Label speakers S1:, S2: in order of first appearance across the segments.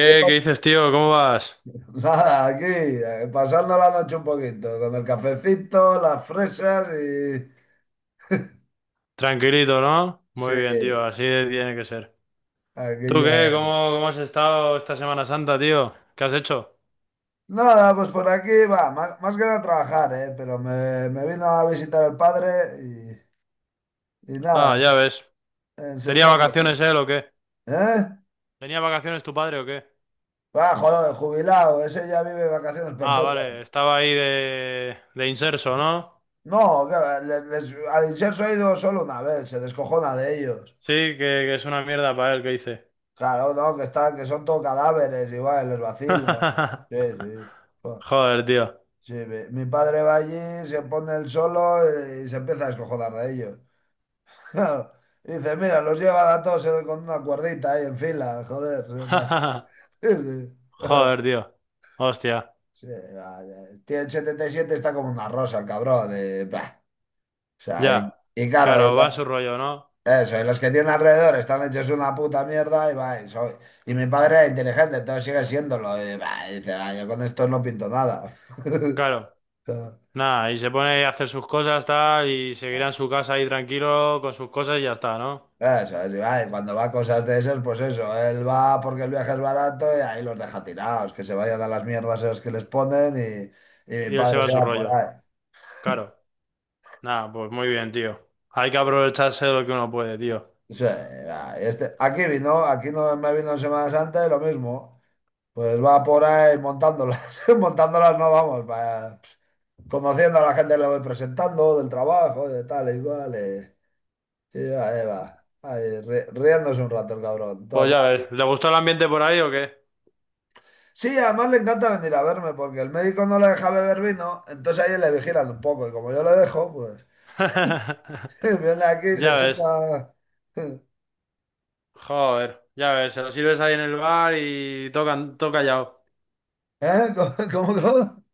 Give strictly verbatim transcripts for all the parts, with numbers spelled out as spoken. S1: ¿Qué
S2: ¿qué
S1: pasa?
S2: dices, tío? ¿Cómo vas?
S1: Nada, aquí, eh, pasando la noche un poquito, con el cafecito, las fresas y...
S2: Tranquilito, ¿no?
S1: Sí,
S2: Muy bien, tío, así tiene que ser. ¿Tú
S1: aquí
S2: qué?
S1: ya...
S2: ¿Cómo, cómo has estado esta Semana Santa, tío? ¿Qué has hecho?
S1: Nada, pues por aquí va, más, más que nada trabajar, ¿eh? Pero me, me vino a visitar el padre y, y nada,
S2: Ah, ya ves. ¿Tenía
S1: enseñarle.
S2: vacaciones él o qué?
S1: ¿Eh?
S2: ¿Tenía vacaciones tu padre o qué?
S1: Ah, joder, jubilado, ese ya vive vacaciones
S2: Ah, vale,
S1: perpetuas.
S2: estaba ahí de, de inserso, ¿no?
S1: No, que va, le- les, al inserso ha ido solo una vez, se descojona de ellos.
S2: Sí, que, que es una mierda para él, ¿qué hice?
S1: Claro, no, que están, que son todo cadáveres, igual, les vacilan. Sí, sí.
S2: Joder, tío.
S1: Sí, mi, mi padre va allí, se pone el solo, eh, y se empieza a escojonar de ellos. Claro. Y dice, mira, los lleva a todos, eh, con una cuerdita ahí en fila, joder. Sí, sí.
S2: Joder, tío. Hostia.
S1: Sí, vaya. Tiene setenta y siete, está como una rosa el cabrón. eh, bah. O sea,
S2: Ya.
S1: y, y claro, y
S2: Claro, va a
S1: la-
S2: su rollo, ¿no?
S1: eso, y los que tienen alrededor están hechos una puta mierda y va, y, soy- y mi padre era inteligente, entonces sigue siéndolo. Y, bah, y dice, "Ah, yo con esto no pinto nada."
S2: Claro. Nada, y se pone a hacer sus cosas, tal, y seguirá en su casa ahí tranquilo con sus cosas y ya está, ¿no?
S1: Eso es, y cuando va a cosas de esas, pues eso, él va porque el viaje es barato y ahí los deja tirados, que se vayan a las mierdas esas que les ponen, y, y mi
S2: Y él se
S1: padre
S2: va a
S1: se
S2: su
S1: va por
S2: rollo.
S1: ahí.
S2: Claro. Nada, pues muy bien, tío. Hay que aprovecharse de lo que uno puede, tío.
S1: Sí, va, este, aquí vino, aquí no me vino en Semana Santa y lo mismo, pues va por ahí montándolas, montándolas no, vamos, va, pues, conociendo a la gente que le voy presentando, del trabajo, de tal, igual, y, y, ahí va, ahí, ri- riéndose un rato el cabrón.
S2: Pues
S1: Todo...
S2: ya ves, ¿le gustó el ambiente por ahí o qué?
S1: Sí, además le encanta venir a verme porque el médico no le deja beber vino, entonces ahí le vigilan un poco y como yo lo dejo, pues viene aquí y se
S2: Ya ves.
S1: chupa.
S2: Joder, ya ves, se lo sirves ahí en el bar y tocan, todo callado.
S1: ¿Eh? ¿Cómo, cómo, cómo?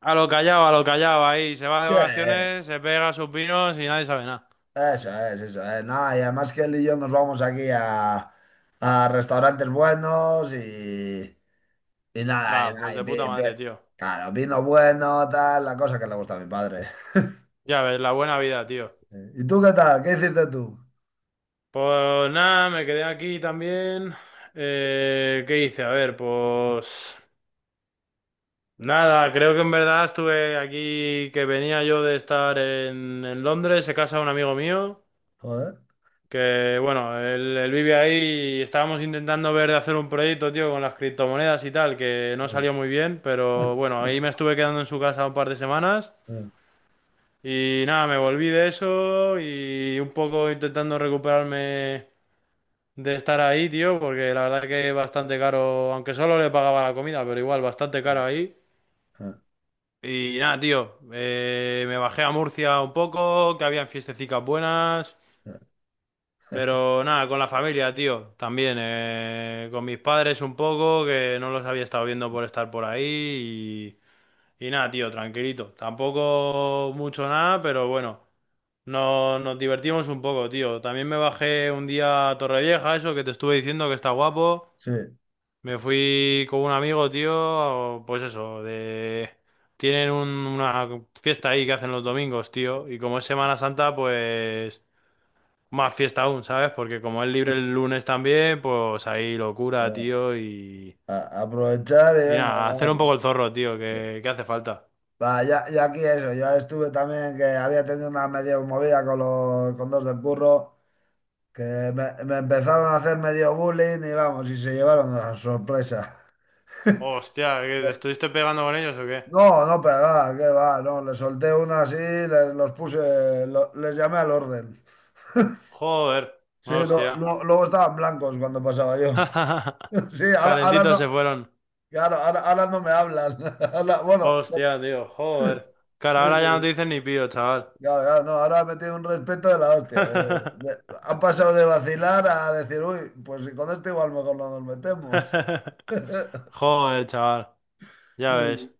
S2: A lo callado, a lo callado, ahí. Se va de
S1: Sí,
S2: vacaciones, se pega sus pinos y nadie sabe nada.
S1: eso es, eso es. No, y además que él y yo nos vamos aquí a, a restaurantes buenos, y, y nada,
S2: Nada, pues
S1: y, y
S2: de puta
S1: pi- pi-
S2: madre, tío.
S1: claro, vino bueno, tal, la cosa que le gusta a mi padre.
S2: Ya ves, la buena vida, tío.
S1: ¿Y tú qué tal? ¿Qué hiciste tú?
S2: Pues nada, me quedé aquí también. Eh, ¿qué hice? A ver, pues nada, creo que en verdad estuve aquí, que venía yo de estar en, en Londres, se casa un amigo mío,
S1: Joder.
S2: que bueno, él, él vive ahí y estábamos intentando ver de hacer un proyecto, tío, con las criptomonedas y tal, que no salió muy bien, pero bueno, ahí me estuve quedando en su casa un par de semanas y nada, me volví de eso y un poco intentando recuperarme de estar ahí, tío, porque la verdad que es bastante caro, aunque solo le pagaba la comida, pero igual, bastante caro ahí. Y nada, tío, eh, me bajé a Murcia un poco, que habían fiestecicas buenas, pero nada, con la familia, tío, también, eh, con mis padres un poco, que no los había estado viendo por estar por ahí, y, y nada, tío, tranquilito. Tampoco mucho nada, pero bueno, no, nos divertimos un poco, tío. También me bajé un día a Torrevieja, eso que te estuve diciendo que está guapo.
S1: Sí.
S2: Me fui con un amigo, tío, pues eso, de... Tienen un- una fiesta ahí que hacen los domingos, tío, y como es Semana Santa, pues más fiesta aún, ¿sabes? Porque como es libre el lunes también, pues ahí locura, tío, y...
S1: A- aprovechar y
S2: Y
S1: venga,
S2: nada, hacer un
S1: dale.
S2: poco el zorro, tío,
S1: Sí.
S2: que, que hace falta.
S1: Va, ya, ya aquí eso, yo estuve también que había tenido una medio movida con los con dos del burro, que me, me empezaron a hacer medio bullying y vamos, y se llevaron una sorpresa.
S2: Hostia, ¿qué, ¿te
S1: Eh,
S2: estuviste pegando con ellos o qué?
S1: No, no, pegar, que va, no, le solté una así, les, los puse, lo- les llamé al orden.
S2: Joder,
S1: Sí, lo-
S2: hostia.
S1: lo- luego estaban blancos cuando pasaba yo. Sí, ahora, ahora
S2: Calentitos se
S1: no,
S2: fueron.
S1: claro, ahora, ahora no me hablan. Ahora- bueno,
S2: Hostia, tío, joder.
S1: sí,
S2: Cara, ahora ya no te
S1: sí.
S2: dicen ni pío, chaval.
S1: Claro, claro, no, ahora ha metido un respeto de la hostia. de- de- han pasado de vacilar a decir, uy, pues si con esto igual mejor no nos metemos.
S2: Joder, chaval. Ya ves.
S1: Sí,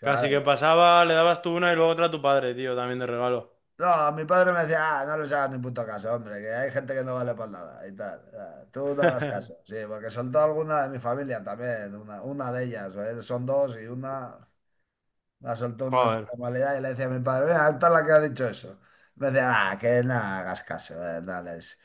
S2: Casi que pasaba, le dabas tú una y luego otra a tu padre, tío, también de regalo.
S1: No, mi padre me decía, "Ah, no les hagas ni puto caso, hombre, que hay gente que no vale para nada y tal. Ah, Tú no hagas caso." Sí, porque soltó alguna de mi familia también, una, una de ellas, ¿eh? Son dos y una la soltó, una de su
S2: Joder.
S1: normalidad, y le decía a mi padre, mira, esta es la que ha dicho eso. Me decía, "Ah, que no hagas caso, eh, no les-".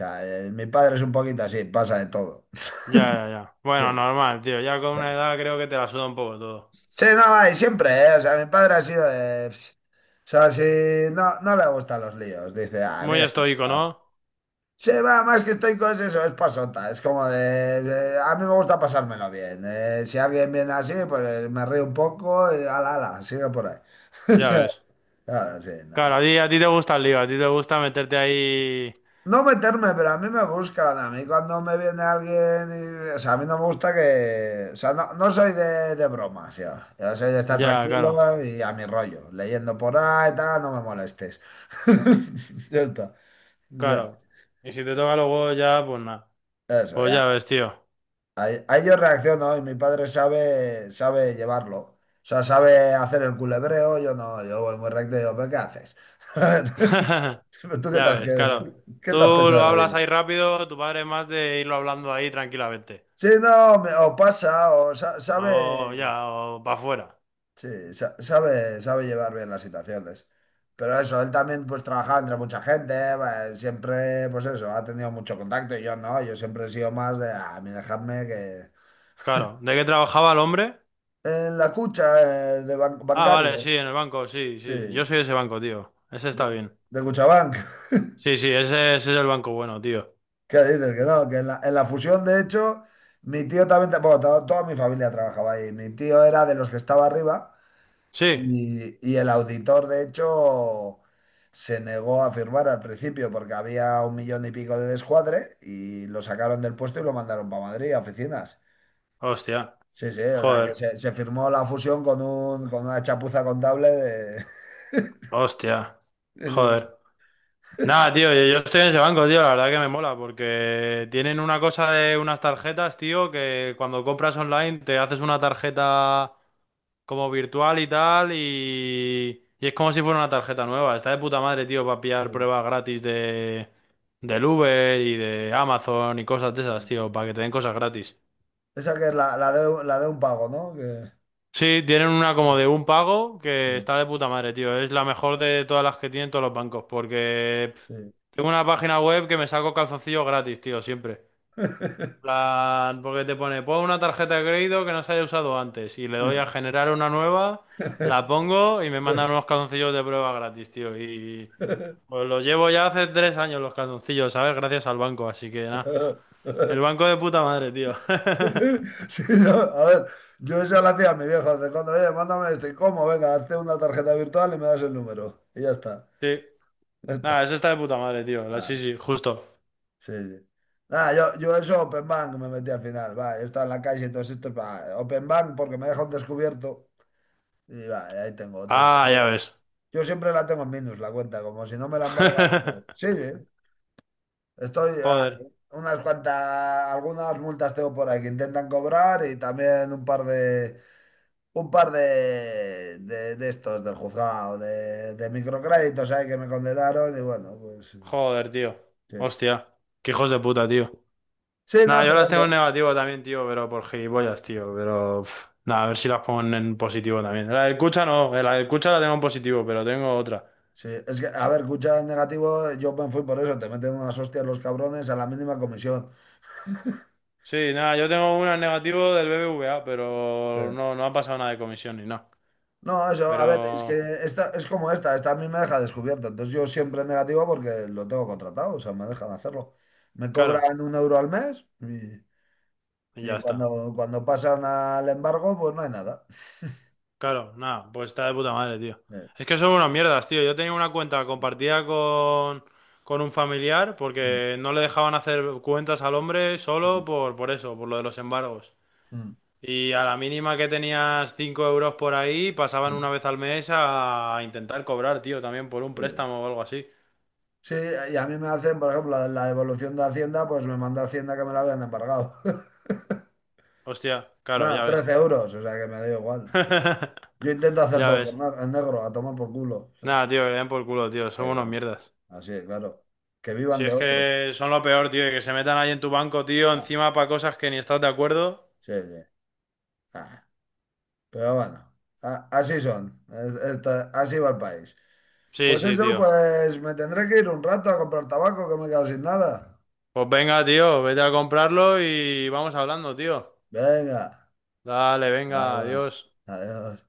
S1: O, eh, mi padre es un poquito así, pasa de todo.
S2: Ya, ya, ya. Bueno,
S1: Sí,
S2: normal, tío. Ya con una
S1: sí.
S2: edad creo que te la suda un poco todo.
S1: Sí, no, y siempre, ¿eh? O sea, mi padre ha sido de... "Ps". O sea, si no, no le gustan los líos, dice, ah,
S2: Muy
S1: mira.
S2: estoico, ¿no?
S1: Sí, va, más que estoy con eso, es pasota, es como de... de- a mí me gusta pasármelo bien. eh, si alguien viene así, pues, eh, me río un poco y ala, ala, sigue por ahí. Sí,
S2: Ya ves.
S1: claro, sí,
S2: Claro,
S1: no.
S2: a ti, a ti te gusta el lío, a ti te gusta meterte ahí.
S1: No meterme, pero a mí me buscan. A mí cuando me viene alguien, y- o sea, a mí no me gusta que, o sea, no, no soy de, de, bromas ya. Yo soy de estar
S2: Ya, claro.
S1: tranquilo y a mi rollo, leyendo por ahí, tal, no me molestes. Ya está. Ya,
S2: Claro. Y si te toca los huevos ya, pues nada.
S1: eso,
S2: Pues
S1: ya.
S2: ya ves, tío.
S1: Ahí, ahí yo reacciono y mi padre sabe, sabe, llevarlo. O sea, sabe hacer el culebreo, yo no, yo voy muy recto y digo, "Pero ¿qué haces? ¿Tú qué te
S2: Ya
S1: has,
S2: ves, claro.
S1: qué
S2: Tú
S1: te has pensado
S2: lo
S1: de la
S2: hablas
S1: vida?"
S2: ahí rápido, tu padre es más de irlo hablando ahí tranquilamente.
S1: Sí, no, me- o pasa, o sa- sabe,
S2: O ya, o para afuera.
S1: sí, sa- sabe, sabe llevar bien las situaciones. Pero eso, él también pues trabajaba entre mucha gente, pues, siempre, pues eso, ha tenido mucho contacto, y yo no, yo siempre he sido más de, "Ah, a mí dejadme que..."
S2: Claro. ¿De qué trabajaba el hombre?
S1: En la cucha, eh, de ban-
S2: Ah, vale,
S1: bancario,
S2: sí, en el banco, sí,
S1: sí,
S2: sí. Yo soy de ese banco, tío. Ese
S1: de,
S2: está bien.
S1: de Cuchabank.
S2: Sí, sí, ese, ese es el banco bueno, tío.
S1: ¿Qué dices? Que no, que en la, en la fusión, de hecho, mi tío también, bueno, to- toda mi familia trabajaba ahí, mi tío era de los que estaba arriba.
S2: Sí.
S1: Y, y el auditor, de hecho, se negó a firmar al principio porque había un millón y pico de descuadre, y lo sacaron del puesto y lo mandaron para Madrid, a oficinas.
S2: Hostia.
S1: Sí, sí, o sea que
S2: Joder.
S1: se, se firmó la fusión con un, con una chapuza contable de...
S2: Hostia. Joder. Nada, tío, yo, yo estoy en ese banco, tío. La verdad que me mola porque tienen una cosa de unas tarjetas, tío, que cuando compras online te haces una tarjeta como virtual y tal, y, y es como si fuera una tarjeta nueva. Está de puta madre, tío, para
S1: Sí,
S2: pillar
S1: sí,
S2: pruebas gratis de del Uber y de Amazon y cosas de esas,
S1: sí.
S2: tío, para que te den cosas gratis.
S1: Esa, que es la, la de, la de un pago, ¿no? Que...
S2: Sí, tienen una como de un pago que
S1: Sí,
S2: está de puta madre, tío. Es la mejor de todas las que tienen todos los bancos, porque pff,
S1: sí.
S2: tengo una página web que me saco calzoncillos gratis, tío, siempre. Plan, porque te pone, pon una tarjeta de crédito que no se haya usado antes y le doy a generar una nueva, la pongo y me mandan unos calzoncillos de prueba gratis, tío. Y pues los llevo ya hace tres años los calzoncillos, ¿sabes? Gracias al banco, así que nada. El banco de puta madre, tío.
S1: Sí, no, a ver, yo eso lo hacía a mi viejo, de cuando, oye, mándame esto, ¿y cómo? Venga, hazte una tarjeta virtual y me das el número. Y ya está,
S2: Sí.
S1: ya
S2: Nada,
S1: está.
S2: ese está de puta madre, tío. La, sí,
S1: Ah,
S2: sí, justo.
S1: sí, sí. Nada, yo, yo eso, Open Bank, me metí al final, va, he estado en la calle y todo esto, va, Open Bank porque me deja un descubierto y va, ahí tengo
S2: Ah,
S1: trescientos.
S2: ya ves.
S1: Yo siempre la tengo en minus la cuenta, como si no, me la embarga. Pues, sí, sí, estoy, ah,
S2: Joder,
S1: unas cuantas, algunas multas tengo por ahí que intentan cobrar, y también un par de un par de, de, de estos del juzgado, de, de microcréditos ahí que me condenaron, y bueno, pues pues,
S2: joder, tío.
S1: sí.
S2: Hostia. Qué hijos de puta, tío.
S1: Sí, no,
S2: Nada, yo
S1: pero
S2: las tengo en
S1: eso.
S2: negativo también, tío, pero por gilipollas, tío. Pero pf, nada, a ver si las pongo en positivo también. La del Cucha no, eh, la del Cucha la tengo en positivo, pero tengo otra.
S1: Sí, es que, a ver, escucha en negativo, yo me fui por eso, te meten unas hostias los cabrones a la mínima comisión.
S2: Sí, nada, yo tengo una en negativo del B B V A,
S1: Sí.
S2: pero no, no ha pasado nada de comisión ni nada.
S1: No, eso, a ver, es que
S2: Pero,
S1: esta es como esta, esta a mí me deja descubierto, entonces yo siempre en negativo porque lo tengo contratado, o sea, me dejan hacerlo. Me
S2: claro,
S1: cobran un euro al mes, y,
S2: y
S1: y
S2: ya está.
S1: cuando, cuando, pasan al embargo, pues no hay nada.
S2: Claro, nada, pues está de puta madre, tío.
S1: Sí.
S2: Es que son unas mierdas, tío. Yo tenía una cuenta compartida con, con un familiar porque no le dejaban hacer cuentas al hombre solo por, por eso, por lo de los embargos.
S1: Mm.
S2: Y a la mínima que tenías cinco euros por ahí, pasaban una vez al mes a intentar cobrar, tío, también por un
S1: Sí,
S2: préstamo o algo así.
S1: sí, y a mí me hacen, por ejemplo, la, la devolución de Hacienda, pues me manda Hacienda que me la habían embargado.
S2: Hostia, claro,
S1: Nada,
S2: ya ves.
S1: trece euros, o sea que me da igual. Yo intento hacer
S2: Ya
S1: todo por
S2: ves.
S1: na- en negro, a tomar por culo.
S2: Nada, tío, que le den por culo, tío, son unos
S1: Eh,
S2: mierdas.
S1: así, claro. Que vivan
S2: Si
S1: de
S2: es
S1: otro.
S2: que son lo peor, tío, y que se metan ahí en tu banco, tío,
S1: Ah,
S2: encima para cosas que ni estás de acuerdo.
S1: sí, sí. Ah, pero bueno, a- así son. Es- esta- así va el país.
S2: Sí,
S1: Pues
S2: sí,
S1: eso,
S2: tío.
S1: pues me tendré que ir un rato a comprar tabaco, que me he quedado sin nada.
S2: Pues venga, tío, vete a comprarlo y vamos hablando, tío.
S1: Venga,
S2: Dale, venga,
S1: hala.
S2: adiós.
S1: Adiós.